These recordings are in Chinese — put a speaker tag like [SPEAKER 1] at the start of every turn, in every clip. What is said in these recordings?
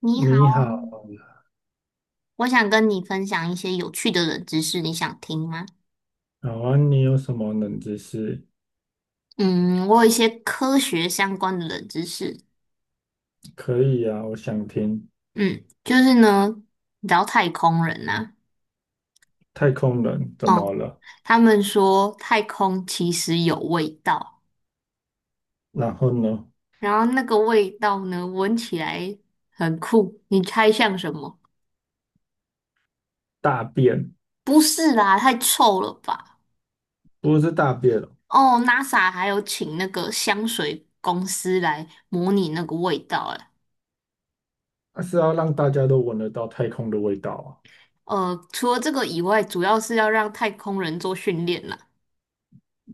[SPEAKER 1] 你好，
[SPEAKER 2] 你好。
[SPEAKER 1] 我想跟你分享一些有趣的冷知识，你想听吗？
[SPEAKER 2] 好啊，你有什么冷知识？
[SPEAKER 1] 嗯，我有一些科学相关的冷知识。
[SPEAKER 2] 可以啊，我想听。
[SPEAKER 1] 嗯，就是呢，你知道太空人呐、
[SPEAKER 2] 太空人怎
[SPEAKER 1] 啊，
[SPEAKER 2] 么
[SPEAKER 1] 嗯，
[SPEAKER 2] 了？
[SPEAKER 1] 他们说太空其实有味道，
[SPEAKER 2] 然后呢？
[SPEAKER 1] 然后那个味道呢，闻起来很酷，你猜像什么？
[SPEAKER 2] 大便。
[SPEAKER 1] 不是啦，太臭了吧？
[SPEAKER 2] 不是大便哦，
[SPEAKER 1] 哦，NASA 还有请那个香水公司来模拟那个味道，
[SPEAKER 2] 而是要让大家都闻得到太空的味道啊。
[SPEAKER 1] 除了这个以外，主要是要让太空人做训练啦。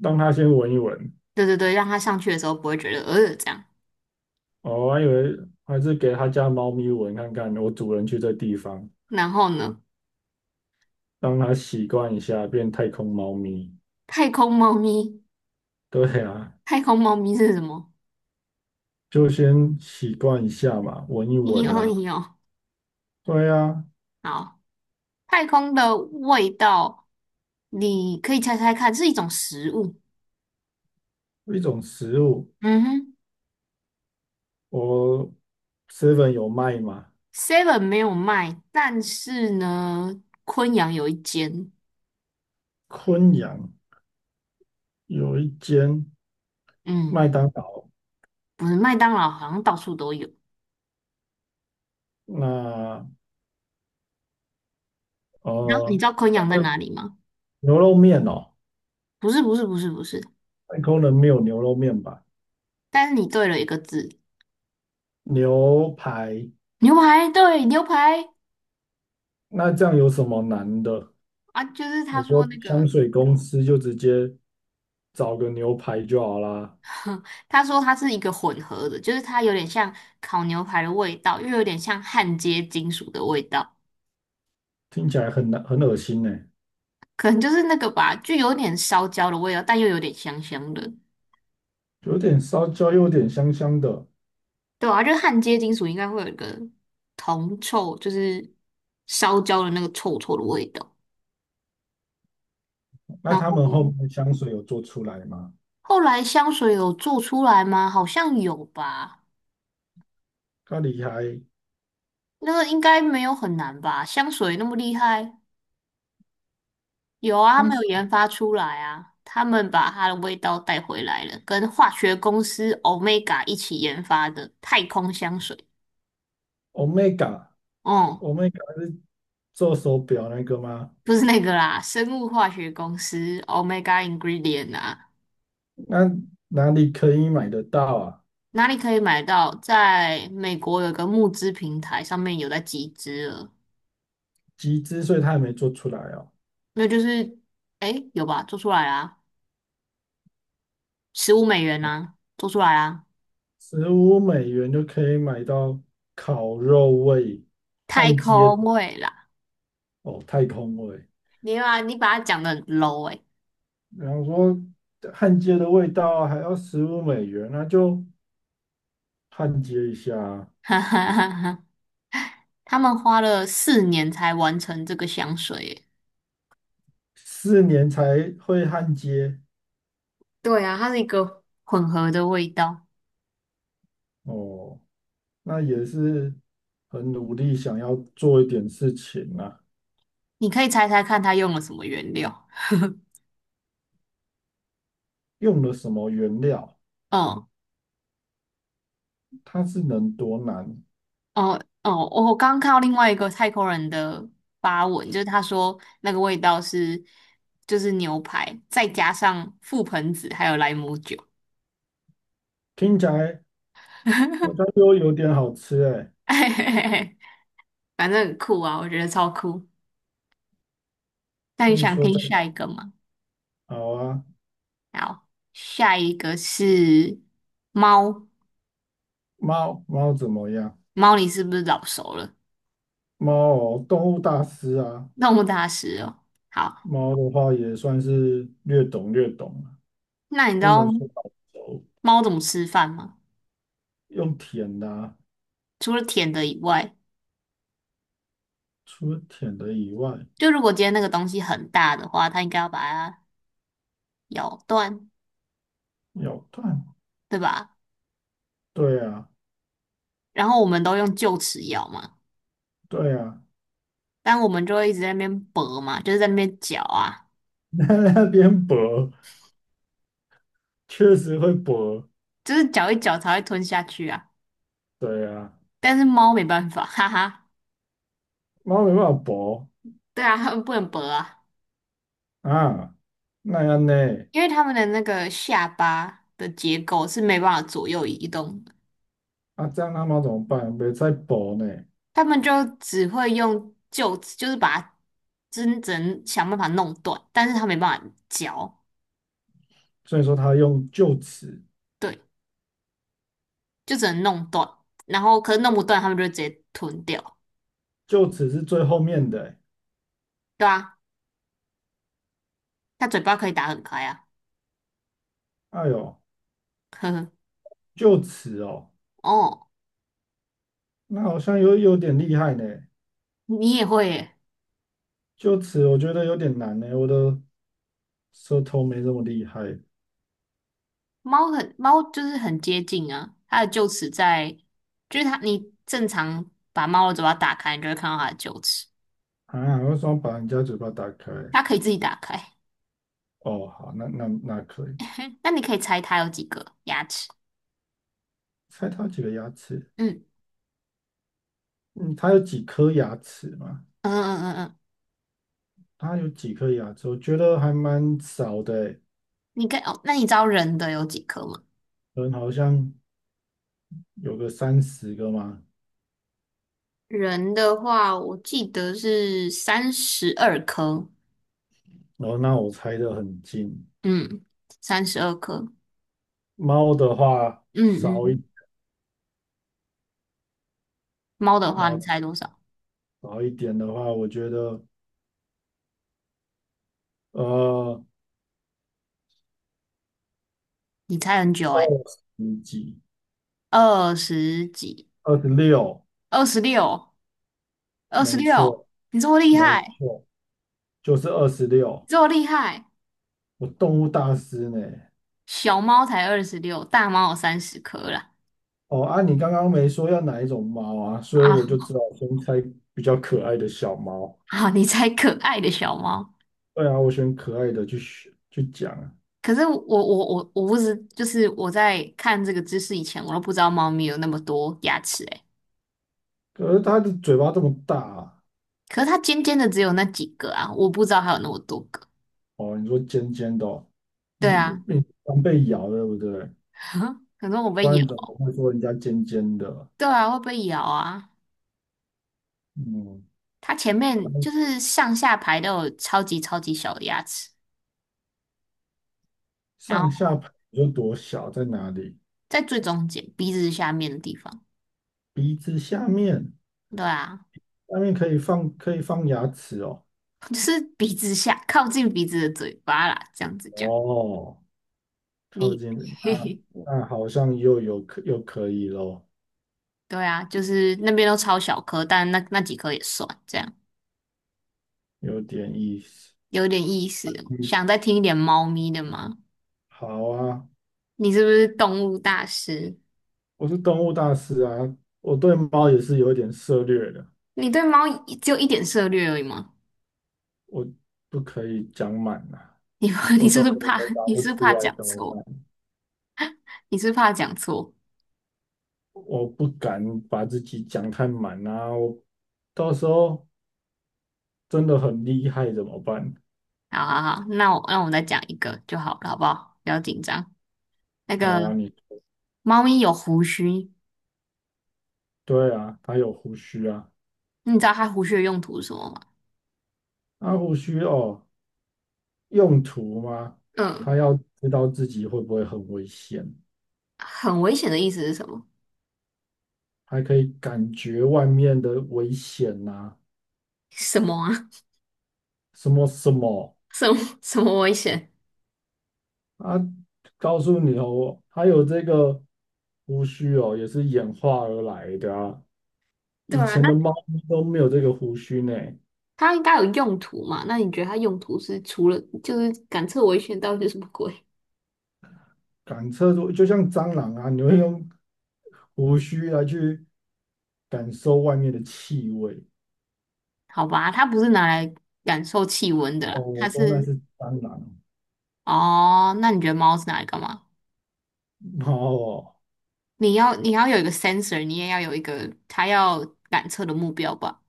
[SPEAKER 2] 让他先闻一闻。
[SPEAKER 1] 对对对，让他上去的时候不会觉得这样。
[SPEAKER 2] 哦，我还以为还是给他家猫咪闻看看。我主人去这地方，
[SPEAKER 1] 然后呢，
[SPEAKER 2] 让它习惯一下，变太空猫咪。
[SPEAKER 1] 太空猫咪，
[SPEAKER 2] 对啊，
[SPEAKER 1] 太空猫咪是什么？
[SPEAKER 2] 就先习惯一下嘛，闻一
[SPEAKER 1] 咦
[SPEAKER 2] 闻呐，
[SPEAKER 1] 哦
[SPEAKER 2] 啊，
[SPEAKER 1] 咦哦，
[SPEAKER 2] 对啊，
[SPEAKER 1] 好，太空的味道，你可以猜猜看，是一种食物。
[SPEAKER 2] 一种食物。
[SPEAKER 1] 嗯哼
[SPEAKER 2] 我 seven 有卖吗？
[SPEAKER 1] ，Seven 没有卖，但是呢，昆阳有一间，
[SPEAKER 2] 昆阳有一间
[SPEAKER 1] 嗯，
[SPEAKER 2] 麦当劳。
[SPEAKER 1] 不是麦当劳，好像到处都有。
[SPEAKER 2] 那
[SPEAKER 1] 然后你
[SPEAKER 2] 呃，
[SPEAKER 1] 知道你知道昆
[SPEAKER 2] 但
[SPEAKER 1] 阳在
[SPEAKER 2] 是
[SPEAKER 1] 哪里吗？
[SPEAKER 2] 牛肉面哦。
[SPEAKER 1] 不是，不是，不是，不是。
[SPEAKER 2] 太空人没有牛肉面吧？
[SPEAKER 1] 但是你对了一个字，
[SPEAKER 2] 牛排，
[SPEAKER 1] 牛排，对，牛排
[SPEAKER 2] 那这样有什么难的？
[SPEAKER 1] 啊，就是他
[SPEAKER 2] 我
[SPEAKER 1] 说
[SPEAKER 2] 说
[SPEAKER 1] 那个，
[SPEAKER 2] 香水公司就直接找个牛排就好啦。
[SPEAKER 1] 他说它是一个混合的，就是它有点像烤牛排的味道，又有点像焊接金属的味道，
[SPEAKER 2] 听起来很难很恶心呢。
[SPEAKER 1] 可能就是那个吧，就有点烧焦的味道，但又有点香香的。
[SPEAKER 2] 有点烧焦，又有点香香的。
[SPEAKER 1] 对啊，就是焊接金属应该会有一个铜臭，就是烧焦的那个臭臭的味道。
[SPEAKER 2] 那
[SPEAKER 1] 然
[SPEAKER 2] 他们后
[SPEAKER 1] 后
[SPEAKER 2] 面的香水有做出来吗？
[SPEAKER 1] 后来香水有做出来吗？好像有吧，
[SPEAKER 2] 咖喱还
[SPEAKER 1] 那个应该没有很难吧？香水那么厉害。有啊，他
[SPEAKER 2] 香
[SPEAKER 1] 们有
[SPEAKER 2] 水。
[SPEAKER 1] 研发出来啊，他们把它的味道带回来了，跟化学公司 Omega 一起研发的太空香水。哦、
[SPEAKER 2] Omega，Omega 是做手表那个吗？
[SPEAKER 1] 不是那个啦，生物化学公司 Omega Ingredient 啊，
[SPEAKER 2] 那哪里可以买得到啊？
[SPEAKER 1] 哪里可以买到？在美国有个募资平台上面有在集资了，
[SPEAKER 2] 集资，所以它还没做出来哦。
[SPEAKER 1] 那就是，诶，有吧？做出来啦，15美元啊，做出来啊，
[SPEAKER 2] 十五美元就可以买到烤肉味、
[SPEAKER 1] 太
[SPEAKER 2] 焊接的
[SPEAKER 1] 空味啦，
[SPEAKER 2] 哦，太空味。
[SPEAKER 1] 你把它讲的很 low 诶、
[SPEAKER 2] 然后说焊接的味道啊还要十五美元，那就焊接一下啊。
[SPEAKER 1] 哈哈哈哈。他们花了4年才完成这个香水耶，
[SPEAKER 2] 4年才会焊接
[SPEAKER 1] 对啊，它是一个混合的味道。
[SPEAKER 2] 哦，那也是很努力想要做一点事情啊。
[SPEAKER 1] 你可以猜猜看，它用了什么原料？
[SPEAKER 2] 用了什么原料，
[SPEAKER 1] 嗯，
[SPEAKER 2] 它是能多难？
[SPEAKER 1] 哦哦，我刚刚看到另外一个泰国人的发文，就是他说那个味道是就是牛排，再加上覆盆子还有莱姆酒，
[SPEAKER 2] 听起来好像又有点好吃哎。
[SPEAKER 1] 反正很酷啊，我觉得超酷。那
[SPEAKER 2] 所
[SPEAKER 1] 你
[SPEAKER 2] 以
[SPEAKER 1] 想
[SPEAKER 2] 说
[SPEAKER 1] 听
[SPEAKER 2] 在。
[SPEAKER 1] 下一个吗？
[SPEAKER 2] 好啊。
[SPEAKER 1] 好，下一个是猫，
[SPEAKER 2] 猫猫怎么样？
[SPEAKER 1] 猫你是不是老熟了？
[SPEAKER 2] 猫哦，动物大师啊，
[SPEAKER 1] 动物大师哦。好，
[SPEAKER 2] 猫的话也算是略懂略懂啊，
[SPEAKER 1] 那你知
[SPEAKER 2] 不能
[SPEAKER 1] 道
[SPEAKER 2] 说好熟。
[SPEAKER 1] 猫怎么吃饭吗？
[SPEAKER 2] 用舔的啊，
[SPEAKER 1] 除了舔的以外，
[SPEAKER 2] 除了舔的以外，
[SPEAKER 1] 就如果今天那个东西很大的话，它应该要把它咬断，
[SPEAKER 2] 咬断。
[SPEAKER 1] 对吧？
[SPEAKER 2] 对啊，
[SPEAKER 1] 然后我们都用臼齿咬嘛，
[SPEAKER 2] 对啊。
[SPEAKER 1] 但我们就会一直在那边搏嘛，就是在那边嚼啊，
[SPEAKER 2] 那那边薄，确实会薄。
[SPEAKER 1] 就是嚼一嚼才会吞下去啊。
[SPEAKER 2] 对啊，
[SPEAKER 1] 但是猫没办法，哈哈，
[SPEAKER 2] 猫没办法薄
[SPEAKER 1] 对啊，它们不能搏啊，
[SPEAKER 2] 啊，那样呢？
[SPEAKER 1] 因为它们的那个下巴的结构是没办法左右移动的。
[SPEAKER 2] 啊，这样他们要怎么办？别再搏呢。
[SPEAKER 1] 他们就只会用臼齿，就是把它真正想办法弄断，但是他没办法嚼，
[SPEAKER 2] 所以说他用就此，
[SPEAKER 1] 对，就只能弄断。然后可是弄不断，他们就直接吞掉，
[SPEAKER 2] 就此是最后面的欸。
[SPEAKER 1] 对啊，它嘴巴可以打很开啊，
[SPEAKER 2] 哎呦，
[SPEAKER 1] 呵呵。
[SPEAKER 2] 就此哦，
[SPEAKER 1] 哦，
[SPEAKER 2] 那好像有点厉害呢。
[SPEAKER 1] 你也会耶？
[SPEAKER 2] 就此我觉得有点难呢，我的舌头没这么厉害
[SPEAKER 1] 猫很猫就是很接近啊，它的臼齿在，就是它你正常把猫的嘴巴打开，你就会看到它的臼齿，
[SPEAKER 2] 啊。为什么把人家嘴巴打开？
[SPEAKER 1] 它可以自己打开。
[SPEAKER 2] 哦，好，那可以。
[SPEAKER 1] 那你可以猜它有几个牙齿？
[SPEAKER 2] 猜他有几个牙齿？
[SPEAKER 1] 嗯
[SPEAKER 2] 嗯，他有几颗牙齿嘛？
[SPEAKER 1] 嗯嗯嗯嗯。
[SPEAKER 2] 他有几颗牙齿？我觉得还蛮少的欸，
[SPEAKER 1] 你跟哦，那你知道人的有几颗吗？
[SPEAKER 2] 可能好像有个30个嘛。
[SPEAKER 1] 人的话，我记得是三十二颗，
[SPEAKER 2] 然后那我猜的很近，
[SPEAKER 1] 嗯，三十二颗。
[SPEAKER 2] 猫的话
[SPEAKER 1] 嗯
[SPEAKER 2] 少一
[SPEAKER 1] 嗯，猫的话，你
[SPEAKER 2] 猫
[SPEAKER 1] 猜多少？
[SPEAKER 2] 少一点的话，我觉得呃
[SPEAKER 1] 你猜很久
[SPEAKER 2] 二
[SPEAKER 1] 诶、
[SPEAKER 2] 十几
[SPEAKER 1] 二十几，
[SPEAKER 2] 二十六。
[SPEAKER 1] 二十六，二十
[SPEAKER 2] 没
[SPEAKER 1] 六，
[SPEAKER 2] 错，
[SPEAKER 1] 你这么厉
[SPEAKER 2] 没
[SPEAKER 1] 害，
[SPEAKER 2] 错，就是二十
[SPEAKER 1] 你
[SPEAKER 2] 六。
[SPEAKER 1] 这么厉害，
[SPEAKER 2] 我动物大师呢？
[SPEAKER 1] 小猫才二十六，大猫有30颗啦。
[SPEAKER 2] 哦啊，你刚刚没说要哪一种猫啊，所以我
[SPEAKER 1] 啊
[SPEAKER 2] 就知道我先猜比较可爱的小猫。
[SPEAKER 1] 啊，你猜可爱的小猫。
[SPEAKER 2] 对啊，我选可爱的去选去讲啊。
[SPEAKER 1] 可是我不知，就是我在看这个知识以前，我都不知道猫咪有那么多牙齿欸
[SPEAKER 2] 可是它的嘴巴这么大啊。
[SPEAKER 1] 可是它尖尖的只有那几个啊，我不知道还有那么多个。
[SPEAKER 2] 哦，你说尖尖的哦。
[SPEAKER 1] 对啊，
[SPEAKER 2] 嗯，你常被咬对不对？
[SPEAKER 1] 可能我
[SPEAKER 2] 不
[SPEAKER 1] 被
[SPEAKER 2] 然
[SPEAKER 1] 咬。
[SPEAKER 2] 怎么会说人家尖尖的？
[SPEAKER 1] 对啊，会被咬啊。
[SPEAKER 2] 嗯，
[SPEAKER 1] 它前面就是上下排都有超级超级小的牙齿，然
[SPEAKER 2] 上下
[SPEAKER 1] 后
[SPEAKER 2] 排有多小在哪里？
[SPEAKER 1] 在最中间鼻子下面的地方。
[SPEAKER 2] 鼻子下面，
[SPEAKER 1] 对啊，
[SPEAKER 2] 下面可以放牙齿哦。
[SPEAKER 1] 就是鼻子下靠近鼻子的嘴巴啦，这样子讲。
[SPEAKER 2] 哦，靠
[SPEAKER 1] 你，
[SPEAKER 2] 近，
[SPEAKER 1] 嘿嘿，
[SPEAKER 2] 那好像又可以咯，
[SPEAKER 1] 对啊，就是那边都超小颗，但那几颗也算，这样
[SPEAKER 2] 有点意思。
[SPEAKER 1] 有点意思哦
[SPEAKER 2] 嗯，
[SPEAKER 1] 想再听一点猫咪的吗？
[SPEAKER 2] 好啊，
[SPEAKER 1] 你是不是动物大师？
[SPEAKER 2] 我是动物大师啊，我对猫也是有一点涉略的，
[SPEAKER 1] 你对猫一只有一点涉略而已吗？
[SPEAKER 2] 我不可以讲满啊，
[SPEAKER 1] 你 你
[SPEAKER 2] 我
[SPEAKER 1] 是
[SPEAKER 2] 到
[SPEAKER 1] 不
[SPEAKER 2] 时
[SPEAKER 1] 是
[SPEAKER 2] 候
[SPEAKER 1] 怕
[SPEAKER 2] 回答
[SPEAKER 1] 你
[SPEAKER 2] 不
[SPEAKER 1] 是不是
[SPEAKER 2] 出
[SPEAKER 1] 怕
[SPEAKER 2] 来
[SPEAKER 1] 讲
[SPEAKER 2] 怎么办？
[SPEAKER 1] 错？你是不是怕讲错？
[SPEAKER 2] 我不敢把自己讲太满啊，我到时候真的很厉害怎么办？
[SPEAKER 1] 好好好，那我再讲一个就好了，好不好？不要紧张。那个
[SPEAKER 2] 好啊，你。
[SPEAKER 1] 猫咪有胡须，
[SPEAKER 2] 对啊，它有胡须啊。
[SPEAKER 1] 你知道它胡须的用途是什么吗？
[SPEAKER 2] 那胡须哦，用途吗？
[SPEAKER 1] 嗯，
[SPEAKER 2] 它要知道自己会不会很危险，
[SPEAKER 1] 很危险的意思是什么？
[SPEAKER 2] 还可以感觉外面的危险呐，啊
[SPEAKER 1] 什么啊？
[SPEAKER 2] 什么什么
[SPEAKER 1] 什么什么危险？
[SPEAKER 2] 啊。告诉你哦，它有这个胡须哦，也是演化而来的啊，
[SPEAKER 1] 对
[SPEAKER 2] 以
[SPEAKER 1] 啊，
[SPEAKER 2] 前
[SPEAKER 1] 那
[SPEAKER 2] 的猫咪都没有这个胡须呢。
[SPEAKER 1] 它应该有用途嘛？那你觉得它用途是除了就是感测危险，到底是什么鬼？
[SPEAKER 2] 感测出就像蟑螂啊，你会用胡须来去感受外面的气味。
[SPEAKER 1] 好吧，它不是拿来感受气温的
[SPEAKER 2] 哦，
[SPEAKER 1] 啦，它
[SPEAKER 2] 我说那
[SPEAKER 1] 是
[SPEAKER 2] 是蟑螂。
[SPEAKER 1] 哦，那你觉得猫是拿来干嘛？
[SPEAKER 2] 哦，
[SPEAKER 1] 你要有一个 sensor，你也要有一个它要感测的目标吧？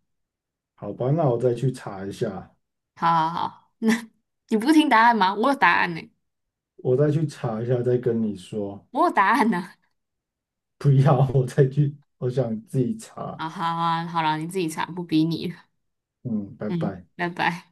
[SPEAKER 2] 好吧，那我再去查一下，
[SPEAKER 1] 好好好，那你不是听答案吗？我有答案呢、
[SPEAKER 2] 我再去查一下，再跟你说。
[SPEAKER 1] 我有答案呢、
[SPEAKER 2] 不要，我再去，我想自己查。
[SPEAKER 1] 啊，好好啊，好了，你自己查，不逼你了
[SPEAKER 2] 嗯，拜
[SPEAKER 1] 嗯，
[SPEAKER 2] 拜。
[SPEAKER 1] 拜拜。